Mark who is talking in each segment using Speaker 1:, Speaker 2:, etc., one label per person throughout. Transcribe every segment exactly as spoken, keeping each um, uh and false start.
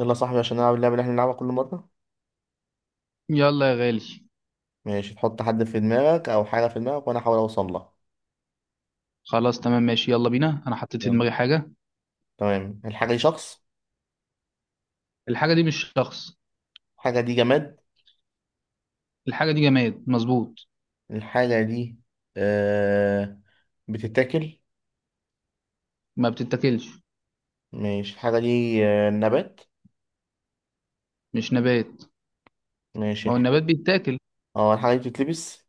Speaker 1: يلا يا صاحبي عشان نلعب اللعبة اللي احنا بنلعبها كل مرة.
Speaker 2: يلا يا غالي.
Speaker 1: ماشي، تحط حد في دماغك أو حاجة في دماغك وأنا أحاول أوصل لها.
Speaker 2: خلاص، تمام، ماشي، يلا بينا. انا حطيت في
Speaker 1: يلا.
Speaker 2: دماغي حاجه.
Speaker 1: تمام، الحاجة دي شخص؟
Speaker 2: الحاجه دي مش شخص.
Speaker 1: الحاجة دي جماد؟
Speaker 2: الحاجه دي جماد، مظبوط.
Speaker 1: الحاجة دي آه بتتاكل؟
Speaker 2: ما بتتاكلش.
Speaker 1: ماشي، الحاجة دي آه نبات؟
Speaker 2: مش نبات.
Speaker 1: ماشي
Speaker 2: ما هو
Speaker 1: الحاجة
Speaker 2: النبات بيتاكل.
Speaker 1: اه الحاجة دي بتتلبس؟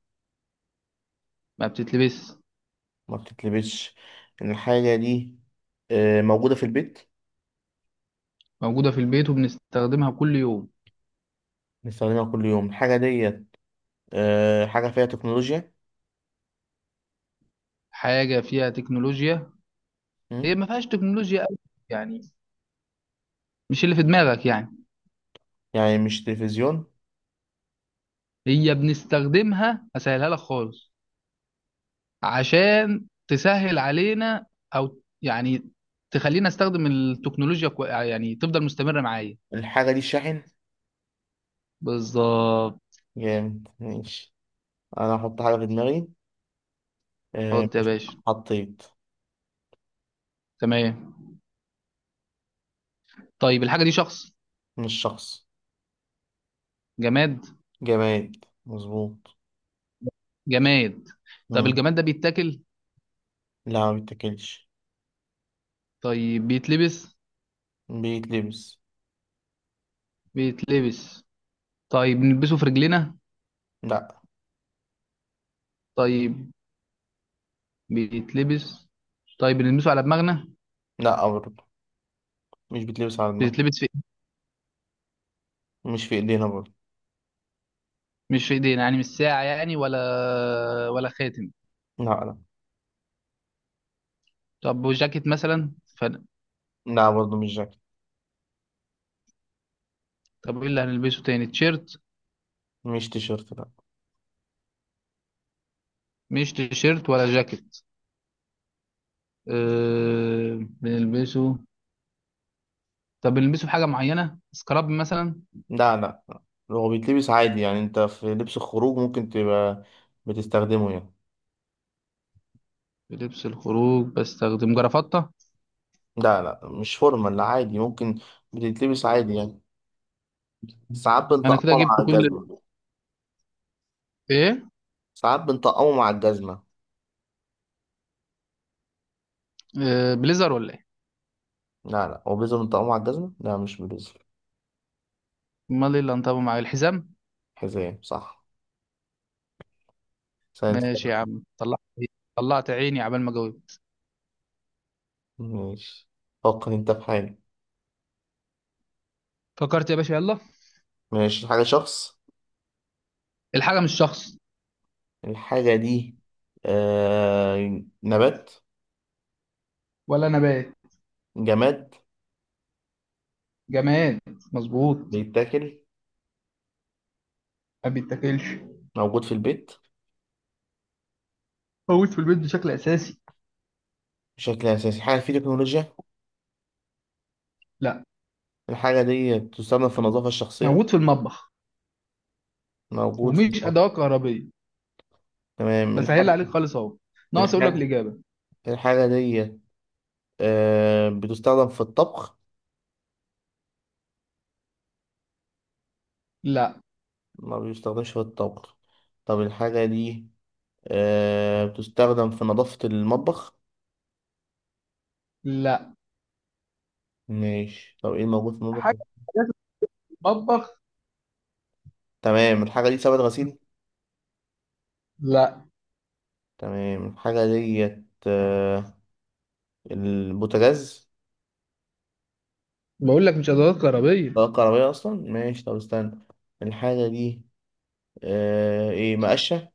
Speaker 2: ما بتتلبس.
Speaker 1: ما بتتلبسش. الحاجة دي آه موجودة في البيت؟
Speaker 2: موجوده في البيت وبنستخدمها كل يوم.
Speaker 1: بنستخدمها كل يوم. الحاجة دي آه حاجة فيها تكنولوجيا؟
Speaker 2: حاجه فيها تكنولوجيا. هي
Speaker 1: مم.
Speaker 2: ما فيهاش تكنولوجيا قوي، يعني مش اللي في دماغك يعني.
Speaker 1: يعني مش تلفزيون.
Speaker 2: هي بنستخدمها، اسهلها لك خالص عشان تسهل علينا، او يعني تخلينا استخدم التكنولوجيا كوي، يعني تفضل مستمره معايا.
Speaker 1: الحاجة دي شاحن؟
Speaker 2: بالظبط.
Speaker 1: جامد ماشي. انا احط حاجة في دماغي. آه،
Speaker 2: حط يا
Speaker 1: ماشي.
Speaker 2: باشا.
Speaker 1: حطيت.
Speaker 2: تمام. طيب الحاجة دي شخص؟
Speaker 1: مش شخص.
Speaker 2: جماد.
Speaker 1: جماد مظبوط.
Speaker 2: جماد. طيب
Speaker 1: مم.
Speaker 2: الجماد ده بيتاكل؟
Speaker 1: لا، ما بيتاكلش.
Speaker 2: طيب بيتلبس.
Speaker 1: بيتلبس.
Speaker 2: بيتلبس. طيب بنلبسه في رجلنا؟
Speaker 1: لا.
Speaker 2: طيب، بيتلبس. طيب بنلبسه على دماغنا؟
Speaker 1: لا برضه، مش بيتلبس على دماغ.
Speaker 2: بيتلبس في إيه؟
Speaker 1: مش في ايدينا برضه.
Speaker 2: مش في ايدينا، يعني مش ساعة يعني، ولا ولا خاتم.
Speaker 1: لا لا.
Speaker 2: طب وجاكيت مثلا ف...
Speaker 1: لا برضه مش جاكيت.
Speaker 2: طب ايه اللي هنلبسه تاني، تيشيرت؟
Speaker 1: مش تيشيرت، لا.
Speaker 2: مش تيشيرت ولا جاكيت. أه... بنلبسه. طب بنلبسه في حاجة معينة، سكراب مثلا؟
Speaker 1: لا لا لا. هو بيتلبس عادي، يعني انت في لبس الخروج ممكن تبقى بتستخدمه يعني.
Speaker 2: في لبس الخروج بستخدم جرافطة.
Speaker 1: لا لا، مش فورمال، لا عادي ممكن. بتتلبس عادي يعني. ساعات
Speaker 2: انا كده
Speaker 1: بنطقمه
Speaker 2: جبت
Speaker 1: مع
Speaker 2: كل ال-
Speaker 1: الجزمة.
Speaker 2: ايه.
Speaker 1: ساعات بنطقمه مع الجزمة.
Speaker 2: آه، بليزر ولا ايه؟
Speaker 1: لا لا، هو بيزل متقطع مع الجزمة؟ لا مش بيزل.
Speaker 2: امال ايه اللي انطبق معايا، الحزام؟
Speaker 1: حزام، صح. سنة
Speaker 2: ماشي
Speaker 1: كده.
Speaker 2: يا عم طلعت، طلعت عيني عبال ما جاوبت.
Speaker 1: ماشي. فكر انت في حاجة.
Speaker 2: فكرت يا باشا، يلا.
Speaker 1: ماشي، الحاجة شخص؟
Speaker 2: الحاجة مش شخص.
Speaker 1: الحاجة دي آه... نبات؟
Speaker 2: ولا نبات.
Speaker 1: جماد.
Speaker 2: جماد، مظبوط.
Speaker 1: بيتاكل؟
Speaker 2: ما بيتاكلش.
Speaker 1: موجود في البيت
Speaker 2: موجود في البيت بشكل اساسي.
Speaker 1: بشكل أساسي. حاجة في تكنولوجيا؟
Speaker 2: لا.
Speaker 1: الحاجة دي تستخدم في النظافة الشخصية؟
Speaker 2: موجود في المطبخ
Speaker 1: موجود في
Speaker 2: ومش
Speaker 1: الطبخ.
Speaker 2: ادوات كهربية.
Speaker 1: تمام،
Speaker 2: بسهل
Speaker 1: الحاجة
Speaker 2: عليك خالص اهو، ناقص اقول لك
Speaker 1: الحاجة
Speaker 2: الاجابة.
Speaker 1: الحاجة دي آه... بتستخدم في الطبخ؟
Speaker 2: لا.
Speaker 1: ما بيستخدمش في الطبخ. طب الحاجة دي آه بتستخدم في نظافة المطبخ؟
Speaker 2: لا.
Speaker 1: ماشي، طب ايه الموجود في المطبخ؟
Speaker 2: حاجة، حاجات في المطبخ.
Speaker 1: تمام، الحاجة دي سبت غسيل؟
Speaker 2: لا.
Speaker 1: تمام الحاجة ديت آه البوتاجاز؟
Speaker 2: بقول لك مش ادوات كهربية.
Speaker 1: طاقة كهربائية أصلا. ماشي، طب استنى. الحاجة دي آه ايه، مقشة؟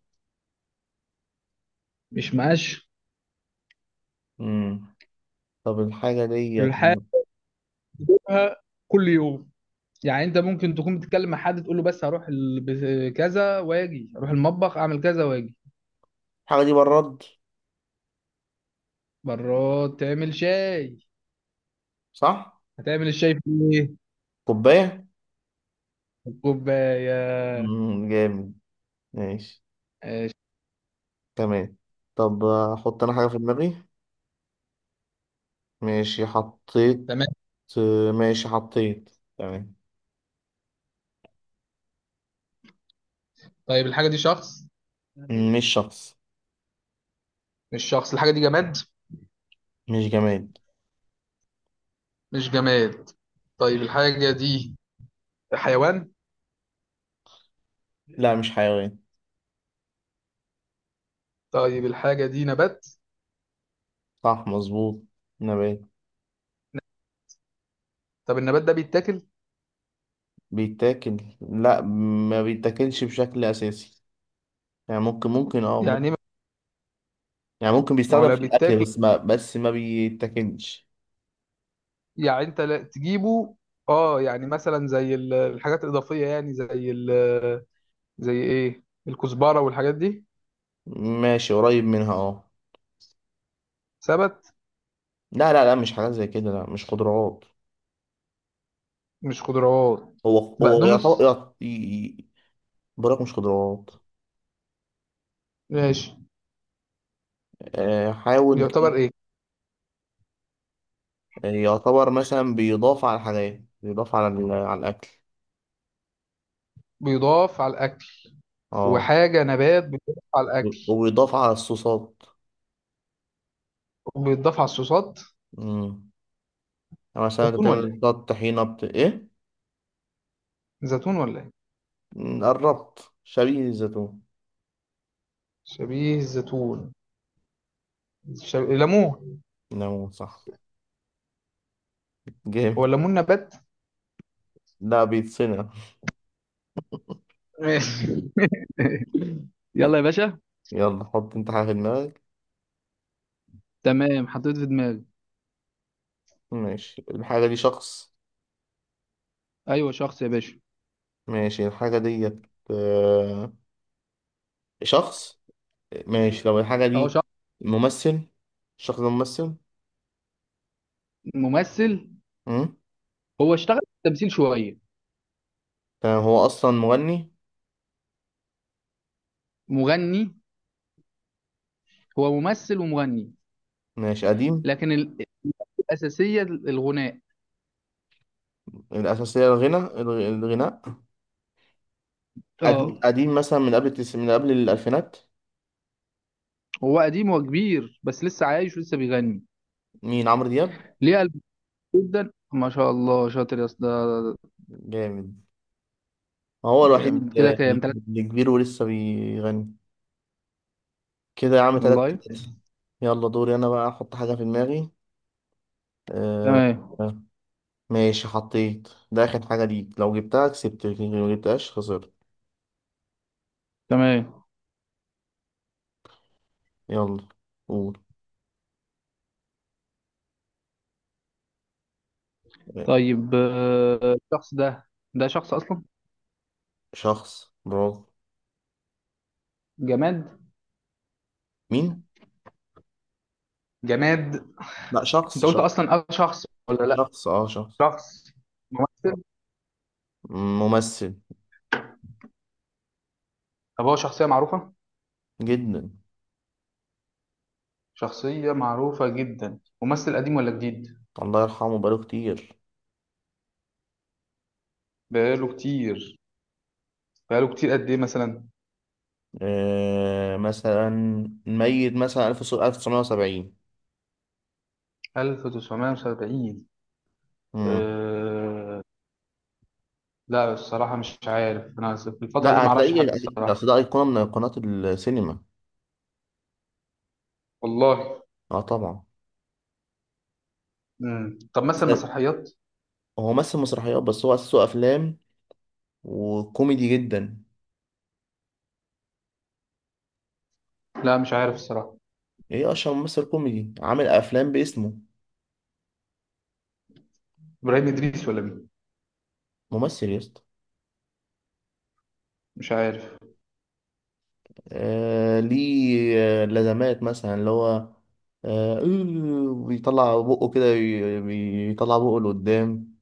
Speaker 2: مش مقاش.
Speaker 1: مم. طب الحاجة ديت.
Speaker 2: الحاجة بتشوفها كل يوم، يعني انت ممكن تكون بتتكلم مع حد تقول له بس هروح ال- بز- كذا واجي، اروح المطبخ اعمل كذا واجي.
Speaker 1: الحاجة دي براد؟
Speaker 2: مرات تعمل شاي.
Speaker 1: صح.
Speaker 2: هتعمل الشاي في ايه؟
Speaker 1: كوباية.
Speaker 2: في الكوبايه.
Speaker 1: مم. جامد. ماشي.
Speaker 2: آه،
Speaker 1: تمام. طب أحط أنا حاجة في دماغي. ماشي حطيت.
Speaker 2: تمام.
Speaker 1: آه، ماشي حطيت. تمام.
Speaker 2: طيب الحاجه دي شخص؟
Speaker 1: مش شخص.
Speaker 2: مش شخص. الحاجه دي جماد.
Speaker 1: مش جماد.
Speaker 2: مش جماد. طيب الحاجه دي حيوان؟
Speaker 1: لا مش حيوان.
Speaker 2: طيب الحاجه دي نبات.
Speaker 1: صح مظبوط، نبات.
Speaker 2: طب النبات ده بيتاكل؟
Speaker 1: بيتاكل؟ لا، ما بيتاكلش بشكل اساسي. يعني ممكن ممكن اه
Speaker 2: يعني
Speaker 1: ممكن.
Speaker 2: ايه؟
Speaker 1: يعني ممكن
Speaker 2: ما هو
Speaker 1: بيستخدم
Speaker 2: لا
Speaker 1: في الاكل،
Speaker 2: بيتاكل،
Speaker 1: بس ما بس ما بيتاكلش.
Speaker 2: يعني انت لا تجيبه، اه يعني مثلا زي ال- الحاجات الاضافيه، يعني زي ال زي ايه، الكزبرة والحاجات دي.
Speaker 1: ماشي قريب منها، اه.
Speaker 2: سبت؟
Speaker 1: لا لا لا، مش حاجات زي كده، لا مش خضروات.
Speaker 2: مش خضروات؟
Speaker 1: هو هو يعتبر
Speaker 2: بقدونس؟
Speaker 1: يعت- ي- ي- براك مش خضروات.
Speaker 2: ماشي.
Speaker 1: آه، حاول
Speaker 2: يعتبر
Speaker 1: كده.
Speaker 2: ايه؟
Speaker 1: آه، يعتبر مثلا بيضاف على الحاجات، بيضاف على ال- على الاكل.
Speaker 2: بيضاف على الاكل.
Speaker 1: اه.
Speaker 2: وحاجة نبات بيضاف على
Speaker 1: وبي-
Speaker 2: الاكل
Speaker 1: وبيضاف على الصوصات.
Speaker 2: وبيضاف على الصوصات.
Speaker 1: مم. مثلا انت
Speaker 2: زيتون ولا
Speaker 1: تعمل بتاع
Speaker 2: ايه؟
Speaker 1: الطحينة بت... ايه.
Speaker 2: زيتون ولا ايه؟
Speaker 1: مم، قربت شبيه الزيتون.
Speaker 2: شبيه الزيتون. شب... ليمون.
Speaker 1: نعم صح.
Speaker 2: هو
Speaker 1: جامد.
Speaker 2: الليمون نبات؟
Speaker 1: لا بيتصنع.
Speaker 2: ماشي. يلا يا باشا.
Speaker 1: يلا حط انت حاجة في دماغك.
Speaker 2: تمام، حطيت في دماغي.
Speaker 1: ماشي، الحاجة دي شخص؟
Speaker 2: ايوه شخص يا باشا.
Speaker 1: ماشي الحاجة ديت آه، شخص. ماشي، لو الحاجة
Speaker 2: اهو
Speaker 1: دي
Speaker 2: شخص.
Speaker 1: ممثل؟ الشخص ده ممثل.
Speaker 2: ممثل.
Speaker 1: مم.
Speaker 2: هو اشتغل في التمثيل شوية.
Speaker 1: تمام، هو أصلا مغني.
Speaker 2: مغني. هو ممثل ومغني
Speaker 1: ماشي قديم.
Speaker 2: لكن ال- الأساسية الغناء.
Speaker 1: الأساسية الغنى، الغ- الغناء. قديم
Speaker 2: اه.
Speaker 1: قديم مثلا من قبل التس... من قبل الألفينات.
Speaker 2: هو قديم وكبير بس لسه عايش ولسه بيغني.
Speaker 1: مين، عمرو دياب؟
Speaker 2: ليه قلب؟ جدا ما شاء الله، شاطر يا اسطى. ده-
Speaker 1: جامد. ما هو الوحيد
Speaker 2: جامد. كده
Speaker 1: اللي,
Speaker 2: كام، تلاتة؟
Speaker 1: اللي كبير ولسه بيغني. كده يا عم، تلاتة
Speaker 2: والله.
Speaker 1: تلاتة. يلا دوري أنا بقى، أحط حاجة في دماغي. آه.
Speaker 2: تمام.
Speaker 1: آه، ماشي حطيت. ده آخر حاجة ليك، لو جبتها كسبت لكن لو جبتهاش خسرت.
Speaker 2: تمام.
Speaker 1: يلا، قول. آه،
Speaker 2: طيب، آه، الشخص ده، ده شخص اصلا؟
Speaker 1: شخص، برافو.
Speaker 2: جماد.
Speaker 1: مين؟
Speaker 2: جماد.
Speaker 1: لا، شخص
Speaker 2: انت قلت
Speaker 1: شخص.
Speaker 2: اصلا اه شخص ولا لا؟
Speaker 1: شخص اه شخص.
Speaker 2: شخص. ممثل.
Speaker 1: ممثل.
Speaker 2: طب هو شخصية معروفة؟
Speaker 1: جدا.
Speaker 2: شخصية معروفة جدا. ممثل قديم ولا جديد؟
Speaker 1: الله يرحمه بقاله كتير.
Speaker 2: بقاله كتير. بقاله كتير قد ايه مثلا؟
Speaker 1: آه مثلا ميت مثلا ألف وتسعمية وسبعين.
Speaker 2: ألف وتسعمية وسبعين؟ لا الصراحة مش عارف، أنا في الفترة دي
Speaker 1: لا،
Speaker 2: معرفش
Speaker 1: هتلاقيه.
Speaker 2: حد
Speaker 1: ده
Speaker 2: الصراحة.
Speaker 1: أصل ده أيقونة من أيقونات السينما.
Speaker 2: والله.
Speaker 1: اه طبعا.
Speaker 2: مم. طب مثلا
Speaker 1: بس،
Speaker 2: مسرحيات؟
Speaker 1: هو مثل مسرحيات بس هو أساسه أفلام، وكوميدي جدا.
Speaker 2: لا مش عارف الصراحة.
Speaker 1: ايه، أشهر ممثل كوميدي عامل أفلام باسمه.
Speaker 2: إبراهيم إدريس ولا مين؟
Speaker 1: ممثل يا اسطى.
Speaker 2: مش عارف.
Speaker 1: آه ليه، آه، لازمات مثلا اللي هو آه إيه، بيطلع بقه كده بي- بيطلع بقه لقدام.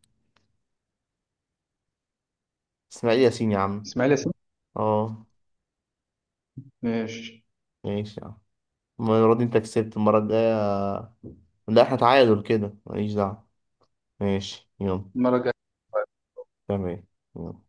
Speaker 1: إسماعيل ياسين يا عم.
Speaker 2: إسماعيل ياسين.
Speaker 1: اه.
Speaker 2: ماشي.
Speaker 1: ماشي يا عم. المرة دي انت كسبت. المرة الجاية، لا احنا تعادل كده ماليش دعوة. ماشي يلا.
Speaker 2: المرة الجاية.
Speaker 1: تمام. تمام.